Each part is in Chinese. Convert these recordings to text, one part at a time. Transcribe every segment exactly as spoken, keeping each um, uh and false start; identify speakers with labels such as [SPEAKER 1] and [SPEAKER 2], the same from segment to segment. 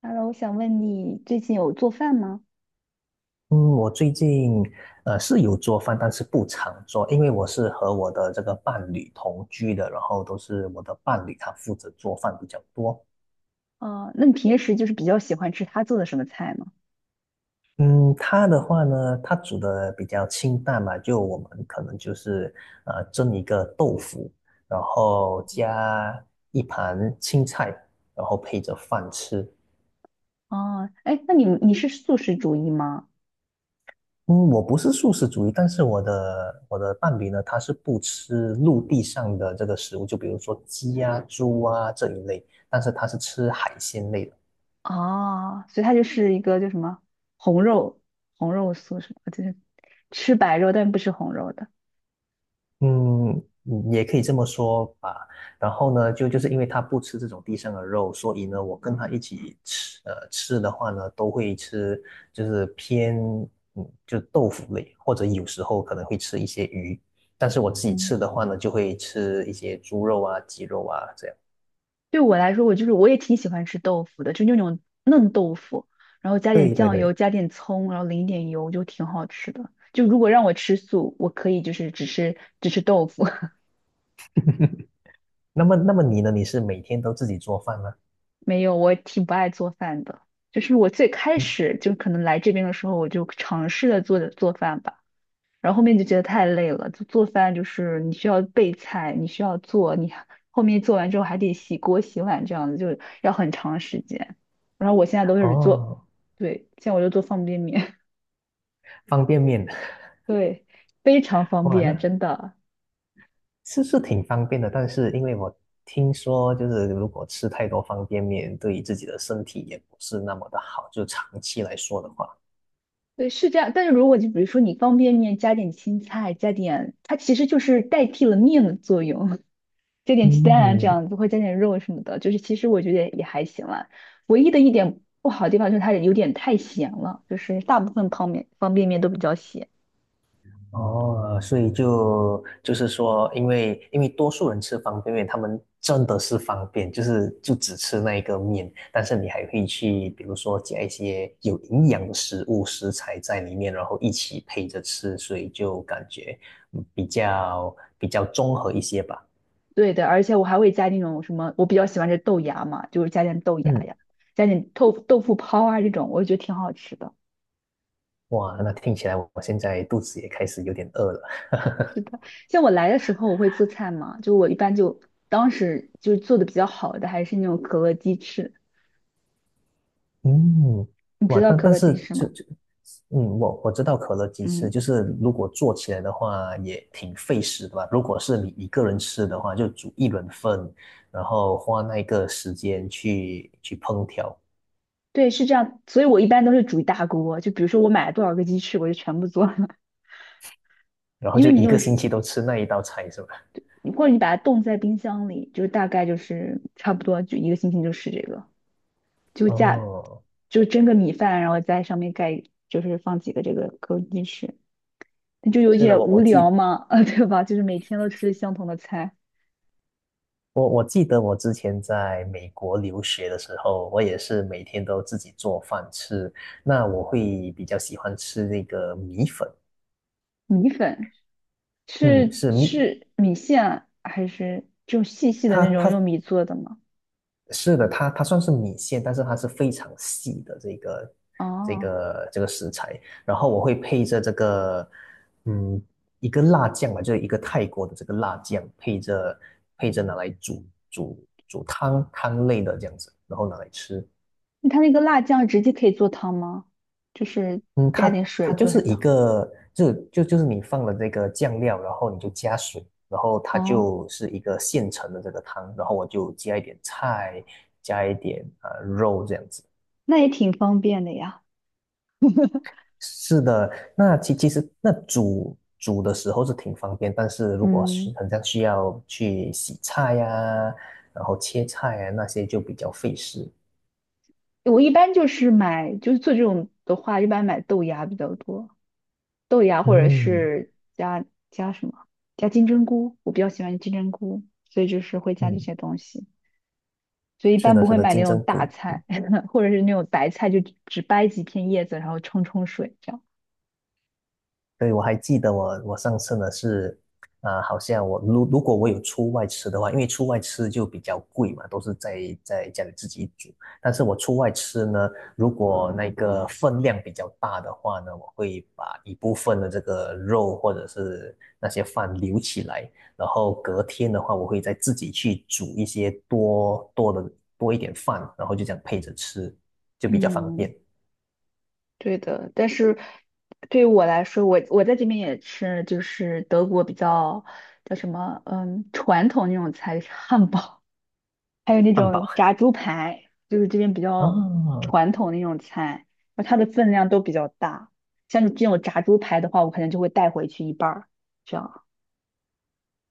[SPEAKER 1] Hello，我想问你最近有做饭吗？
[SPEAKER 2] 嗯，我最近呃是有做饭，但是不常做，因为我是和我的这个伴侣同居的，然后都是我的伴侣他负责做饭比较多。
[SPEAKER 1] 哦，那你平时就是比较喜欢吃他做的什么菜吗？
[SPEAKER 2] 嗯，他的话呢，他煮的比较清淡嘛，就我们可能就是呃蒸一个豆腐，然后加一盘青菜，然后配着饭吃。
[SPEAKER 1] 哦，哎，那你你是素食主义吗？
[SPEAKER 2] 嗯，我不是素食主义，但是我的我的伴侣呢，他是不吃陆地上的这个食物，就比如说鸡啊、猪啊这一类，但是他是吃海鲜类的。
[SPEAKER 1] 哦，所以他就是一个叫什么红肉红肉素食，就是吃白肉但不吃红肉的。
[SPEAKER 2] 嗯，嗯也可以这么说吧。然后呢，就就是因为他不吃这种地上的肉，所以呢，我跟他一起吃，呃，吃的话呢，都会吃就是偏嗯，就豆腐类，或者有时候可能会吃一些鱼，但是我自己
[SPEAKER 1] 嗯，
[SPEAKER 2] 吃的话呢，就会吃一些猪肉啊、鸡肉啊这样。
[SPEAKER 1] 对我来说，我就是我也挺喜欢吃豆腐的，就那种嫩豆腐，然后加点
[SPEAKER 2] 对对
[SPEAKER 1] 酱油，
[SPEAKER 2] 对。
[SPEAKER 1] 加点葱，然后淋一点油，就挺好吃的。就如果让我吃素，我可以就是只吃只吃豆腐。
[SPEAKER 2] 那么，那么你呢？你是每天都自己做饭吗？
[SPEAKER 1] 没有，我挺不爱做饭的。就是我最开
[SPEAKER 2] 嗯。
[SPEAKER 1] 始就可能来这边的时候，我就尝试着做做饭吧，然后后面就觉得太累了。就做饭就是你需要备菜，你需要做，你还后面做完之后还得洗锅洗碗，这样子就要很长时间。然后我现在都是做，
[SPEAKER 2] 哦，
[SPEAKER 1] 对，现在我就做方便面，
[SPEAKER 2] 方便面。
[SPEAKER 1] 对，非常 方
[SPEAKER 2] 哇，
[SPEAKER 1] 便，
[SPEAKER 2] 那
[SPEAKER 1] 真的。
[SPEAKER 2] 是是挺方便的。但是因为我听说，就是如果吃太多方便面，对自己的身体也不是那么的好，就长期来说的话。
[SPEAKER 1] 对，是这样。但是如果就比如说你方便面加点青菜，加点，它其实就是代替了面的作用。加点鸡蛋啊，这
[SPEAKER 2] 嗯。
[SPEAKER 1] 样子会加点肉什么的，就是其实我觉得也还行啦。唯一的一点不好的地方就是它有点太咸了，就是大部分泡面方便面都比较咸。
[SPEAKER 2] 哦，所以就就是说，因为因为多数人吃方便面，他们真的是方便，就是就只吃那一个面，但是你还可以去，比如说加一些有营养的食物食材在里面，然后一起配着吃，所以就感觉嗯比较比较综合一些吧。
[SPEAKER 1] 对的，而且我还会加那种什么，我比较喜欢吃豆芽嘛，就是加点豆芽
[SPEAKER 2] 嗯。
[SPEAKER 1] 呀，加点豆豆腐泡啊这种，我觉得挺好吃的。
[SPEAKER 2] 哇，那听起来我现在肚子也开始有点饿了。
[SPEAKER 1] 是的，像我来的时候我会做菜嘛，就我一般就当时就做的比较好的还是那种可乐鸡翅，
[SPEAKER 2] 嗯。
[SPEAKER 1] 你知
[SPEAKER 2] 哇，
[SPEAKER 1] 道
[SPEAKER 2] 但
[SPEAKER 1] 可
[SPEAKER 2] 但
[SPEAKER 1] 乐鸡
[SPEAKER 2] 是
[SPEAKER 1] 翅
[SPEAKER 2] 就
[SPEAKER 1] 吗？
[SPEAKER 2] 就，嗯，我我知道可乐鸡翅，
[SPEAKER 1] 嗯。
[SPEAKER 2] 就是如果做起来的话也挺费时的吧。如果是你一个人吃的话，就煮一轮份，然后花那个时间去去烹调，
[SPEAKER 1] 对，是这样，所以我一般都是煮一大锅，就比如说我买了多少个鸡翅，我就全部做了，
[SPEAKER 2] 然后
[SPEAKER 1] 因为
[SPEAKER 2] 就
[SPEAKER 1] 你
[SPEAKER 2] 一
[SPEAKER 1] 有
[SPEAKER 2] 个
[SPEAKER 1] 时，
[SPEAKER 2] 星期都吃那一道菜，是吧？
[SPEAKER 1] 或者你把它冻在冰箱里，就是大概就是差不多就一个星期就是这个，就加
[SPEAKER 2] 哦，
[SPEAKER 1] 就蒸个米饭，然后在上面盖就是放几个这个枸杞鸡翅，那就有
[SPEAKER 2] 是的，
[SPEAKER 1] 点
[SPEAKER 2] 我
[SPEAKER 1] 无
[SPEAKER 2] 我
[SPEAKER 1] 聊
[SPEAKER 2] 记
[SPEAKER 1] 嘛，啊，对吧？就是每天都吃相同的菜，
[SPEAKER 2] 我我记得我之前在美国留学的时候，我也是每天都自己做饭吃。那我会比较喜欢吃那个米粉。
[SPEAKER 1] 米粉
[SPEAKER 2] 嗯，
[SPEAKER 1] 是
[SPEAKER 2] 是米
[SPEAKER 1] 是米线啊还是就细细的
[SPEAKER 2] 它
[SPEAKER 1] 那种
[SPEAKER 2] 它
[SPEAKER 1] 用米做的吗？
[SPEAKER 2] 是的，它它算是米线，但是它是非常细的这个这
[SPEAKER 1] 哦。
[SPEAKER 2] 个这个食材。然后我会配着这个，嗯，一个辣酱吧，就是一个泰国的这个辣酱，配着配着拿来煮煮煮汤汤类的这样子，然后拿来吃。
[SPEAKER 1] 它那个辣酱直接可以做汤吗？就是
[SPEAKER 2] 嗯，
[SPEAKER 1] 加点
[SPEAKER 2] 它
[SPEAKER 1] 水
[SPEAKER 2] 它就
[SPEAKER 1] 做
[SPEAKER 2] 是
[SPEAKER 1] 成
[SPEAKER 2] 一
[SPEAKER 1] 汤。
[SPEAKER 2] 个，就就就是你放了这个酱料，然后你就加水，然后它
[SPEAKER 1] 哦，
[SPEAKER 2] 就是一个现成的这个汤，然后我就加一点菜，加一点啊、呃肉这样子。
[SPEAKER 1] 那也挺方便的呀。
[SPEAKER 2] 是的，那其其实那煮煮的时候是挺方便，但是如果
[SPEAKER 1] 嗯，
[SPEAKER 2] 是很像需要去洗菜呀、然后切菜呀那些就比较费事。
[SPEAKER 1] 我一般就是买，就是做这种的话，一般买豆芽比较多，豆芽或者
[SPEAKER 2] 嗯。
[SPEAKER 1] 是加加什么，加金针菇，我比较喜欢金针菇，所以就是会加这
[SPEAKER 2] 嗯，
[SPEAKER 1] 些东西，所以一
[SPEAKER 2] 是
[SPEAKER 1] 般
[SPEAKER 2] 的，
[SPEAKER 1] 不
[SPEAKER 2] 是
[SPEAKER 1] 会
[SPEAKER 2] 的，
[SPEAKER 1] 买那
[SPEAKER 2] 金
[SPEAKER 1] 种
[SPEAKER 2] 针
[SPEAKER 1] 大
[SPEAKER 2] 菇。
[SPEAKER 1] 菜，或者是那种白菜，就只只掰几片叶子，然后冲冲水这样。
[SPEAKER 2] 对，我还记得我我上次呢是，啊，好像我如如果我有出外吃的话，因为出外吃就比较贵嘛，都是在在家里自己煮。但是我出外吃呢，如果那个分量比较大的话呢，我会把一部分的这个肉或者是那些饭留起来，然后隔天的话，我会再自己去煮一些多多的多一点饭，然后就这样配着吃，就比较方
[SPEAKER 1] 嗯。
[SPEAKER 2] 便。
[SPEAKER 1] 对的，但是对于我来说，我我在这边也吃，就是德国比较叫什么，嗯，传统那种菜，汉堡，还有那
[SPEAKER 2] 汉堡。
[SPEAKER 1] 种炸 猪排，就是这边比较
[SPEAKER 2] 啊，
[SPEAKER 1] 传统的那种菜，然后它的分量都比较大。像这种炸猪排的话，我可能就会带回去一半儿，这样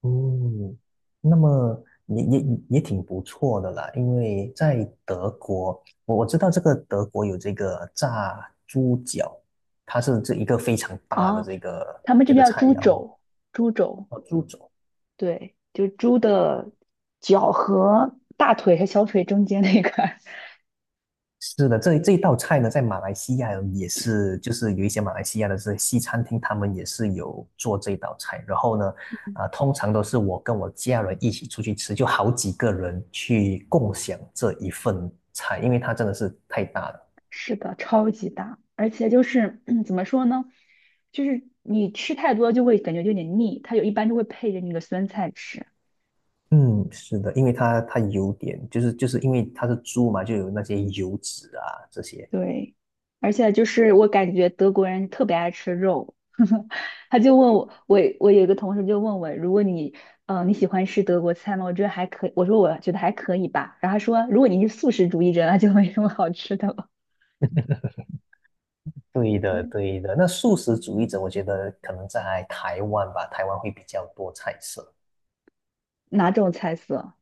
[SPEAKER 2] 嗯，那么也也也挺不错的啦，因为在德国，我我知道这个德国有这个炸猪脚，它是这一个非常大的
[SPEAKER 1] 啊。
[SPEAKER 2] 这个
[SPEAKER 1] 他们这
[SPEAKER 2] 这个
[SPEAKER 1] 边叫
[SPEAKER 2] 菜
[SPEAKER 1] 猪
[SPEAKER 2] 肴。
[SPEAKER 1] 肘，猪肘，
[SPEAKER 2] 哦，猪肘。
[SPEAKER 1] 对，就是猪的脚和大腿和小腿中间那个
[SPEAKER 2] 是的，这这一道菜呢，在马来西亚也是，就是有一些马来西亚的这西餐厅，他们也是有做这道菜。然后呢，啊、通常都是我跟我家人一起出去吃，就好几个人去共享这一份菜，因为它真的是太大了。
[SPEAKER 1] 是的，超级大，而且就是 怎么说呢，就是你吃太多就会感觉有点腻，它有一般就会配着那个酸菜吃。
[SPEAKER 2] 嗯，是的，因为它它有点，就是就是因为它是猪嘛，就有那些油脂啊这些。
[SPEAKER 1] 对，而且就是我感觉德国人特别爱吃肉，他就问我，我我有一个同事就问我，如果你呃你喜欢吃德国菜吗？我觉得还可以，我说我觉得还可以吧。然后他说，如果你是素食主义者，那就没什么好吃的了。
[SPEAKER 2] 对的，
[SPEAKER 1] 对，
[SPEAKER 2] 对的。那素食主义者，我觉得可能在台湾吧，台湾会比较多菜色。
[SPEAKER 1] 哪种菜色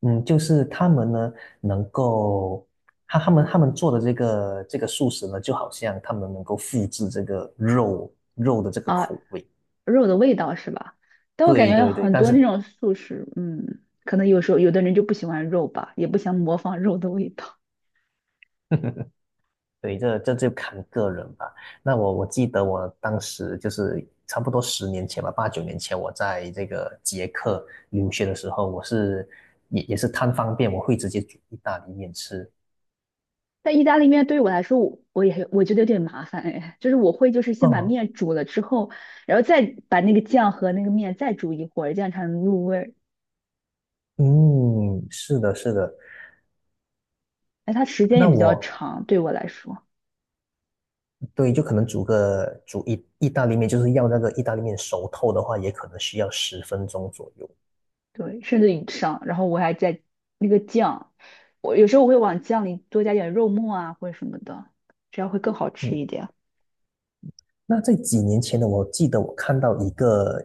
[SPEAKER 2] 嗯，就是他们呢，能够他他们他们做的这个这个素食呢，就好像他们能够复制这个肉肉的这个
[SPEAKER 1] 啊？
[SPEAKER 2] 口味。
[SPEAKER 1] 肉的味道是吧？但我感
[SPEAKER 2] 对
[SPEAKER 1] 觉
[SPEAKER 2] 对对，
[SPEAKER 1] 很
[SPEAKER 2] 但
[SPEAKER 1] 多那
[SPEAKER 2] 是
[SPEAKER 1] 种素食，嗯，可能有时候有的人就不喜欢肉吧，也不想模仿肉的味道。
[SPEAKER 2] 对，这这就看个人吧。那我我记得我当时就是差不多十年前吧，八九年前，我在这个捷克留学的时候，我是也也是贪方便，我会直接煮意大利面吃。
[SPEAKER 1] 但意大利面对于我来说，我我也我觉得有点麻烦哎，就是我会就是先把
[SPEAKER 2] 哦，
[SPEAKER 1] 面煮了之后，然后再把那个酱和那个面再煮一会儿，这样才能入味儿。
[SPEAKER 2] 嗯，是的，是的。
[SPEAKER 1] 哎，它时间也
[SPEAKER 2] 那
[SPEAKER 1] 比较
[SPEAKER 2] 我
[SPEAKER 1] 长，对我来说，
[SPEAKER 2] 对，就可能煮个煮意意大利面，就是要那个意大利面熟透的话，也可能需要十分钟左右。
[SPEAKER 1] 对，甚至以上。然后我还在那个酱，我有时候我会往酱里多加点肉末啊或者什么的，这样会更好吃
[SPEAKER 2] 嗯。
[SPEAKER 1] 一点。
[SPEAKER 2] 那在几年前呢，我记得我看到一个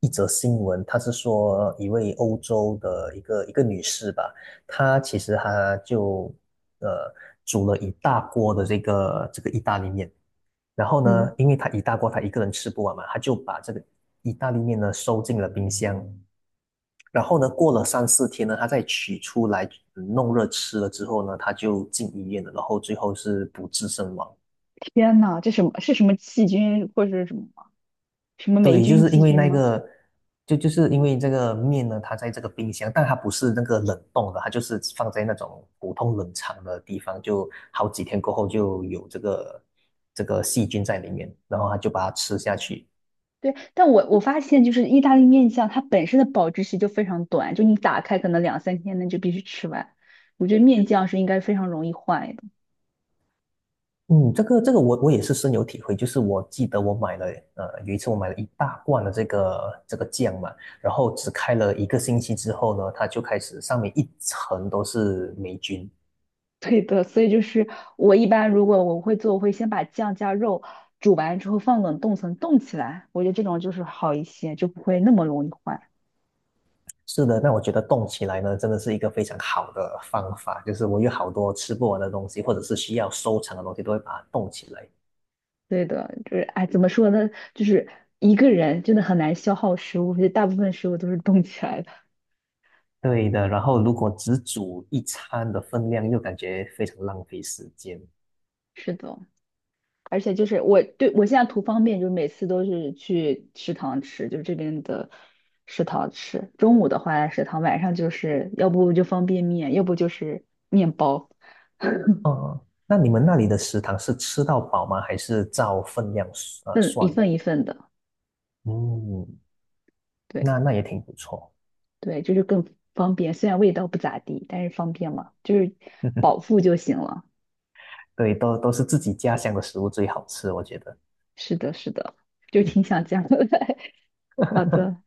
[SPEAKER 2] 一则新闻，他是说一位欧洲的一个一个女士吧，她其实她就呃煮了一大锅的这个这个意大利面，然后
[SPEAKER 1] 嗯。
[SPEAKER 2] 呢，因为她一大锅她一个人吃不完嘛，她就把这个意大利面呢收进了冰箱，然后呢过了三四天呢，她再取出来嗯弄热吃了之后呢，她就进医院了，然后最后是不治身亡。
[SPEAKER 1] 天呐，这什么是什么细菌或者是什么吗？什么霉
[SPEAKER 2] 对，就
[SPEAKER 1] 菌、
[SPEAKER 2] 是因
[SPEAKER 1] 细
[SPEAKER 2] 为
[SPEAKER 1] 菌
[SPEAKER 2] 那
[SPEAKER 1] 吗？
[SPEAKER 2] 个，就就是因为这个面呢，它在这个冰箱，但它不是那个冷冻的，它就是放在那种普通冷藏的地方，就好几天过后就有这个这个细菌在里面，然后它就把它吃下去。
[SPEAKER 1] 对，但我我发现就是意大利面酱，它本身的保质期就非常短，就你打开可能两三天内就必须吃完。我觉得面酱是应该非常容易坏的。
[SPEAKER 2] 嗯，这个这个我我也是深有体会，就是我记得我买了，呃，有一次我买了一大罐的这个这个酱嘛，然后只开了一个星期之后呢，它就开始上面一层都是霉菌。
[SPEAKER 1] 对的，所以就是我一般如果我会做，我会先把酱加肉煮完之后放冷冻层冻起来，我觉得这种就是好一些，就不会那么容易坏。
[SPEAKER 2] 是的，那我觉得动起来呢，真的是一个非常好的方法。就是我有好多吃不完的东西，或者是需要收藏的东西，都会把它冻起来。
[SPEAKER 1] 对的，就是哎，怎么说呢？就是一个人真的很难消耗食物，而且大部分食物都是冻起来的。
[SPEAKER 2] 对的，然后如果只煮一餐的分量，又感觉非常浪费时间。
[SPEAKER 1] 是的，而且就是我对我现在图方便，就是每次都是去食堂吃，就是这边的食堂吃。中午的话在食堂，晚上就是要不就方便面，要不就是面包，
[SPEAKER 2] 嗯，那你们那里的食堂是吃到饱吗？还是照分量呃
[SPEAKER 1] 份一
[SPEAKER 2] 算的？
[SPEAKER 1] 份一份的。
[SPEAKER 2] 嗯，
[SPEAKER 1] 对
[SPEAKER 2] 那那也挺不错。
[SPEAKER 1] 对，就是更方便，虽然味道不咋地，但是方便嘛，就是饱 腹就行了。
[SPEAKER 2] 对，都都是自己家乡的食物最好吃，我觉得。
[SPEAKER 1] 是的，是的，就挺想这样的。好的，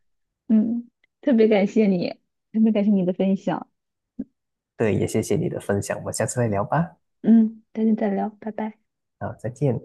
[SPEAKER 1] 嗯，特别感谢你，特别感谢你的分享。
[SPEAKER 2] 对，也谢谢你的分享，我们下次再聊吧。
[SPEAKER 1] 嗯，改天再聊，拜拜。
[SPEAKER 2] 好，再见。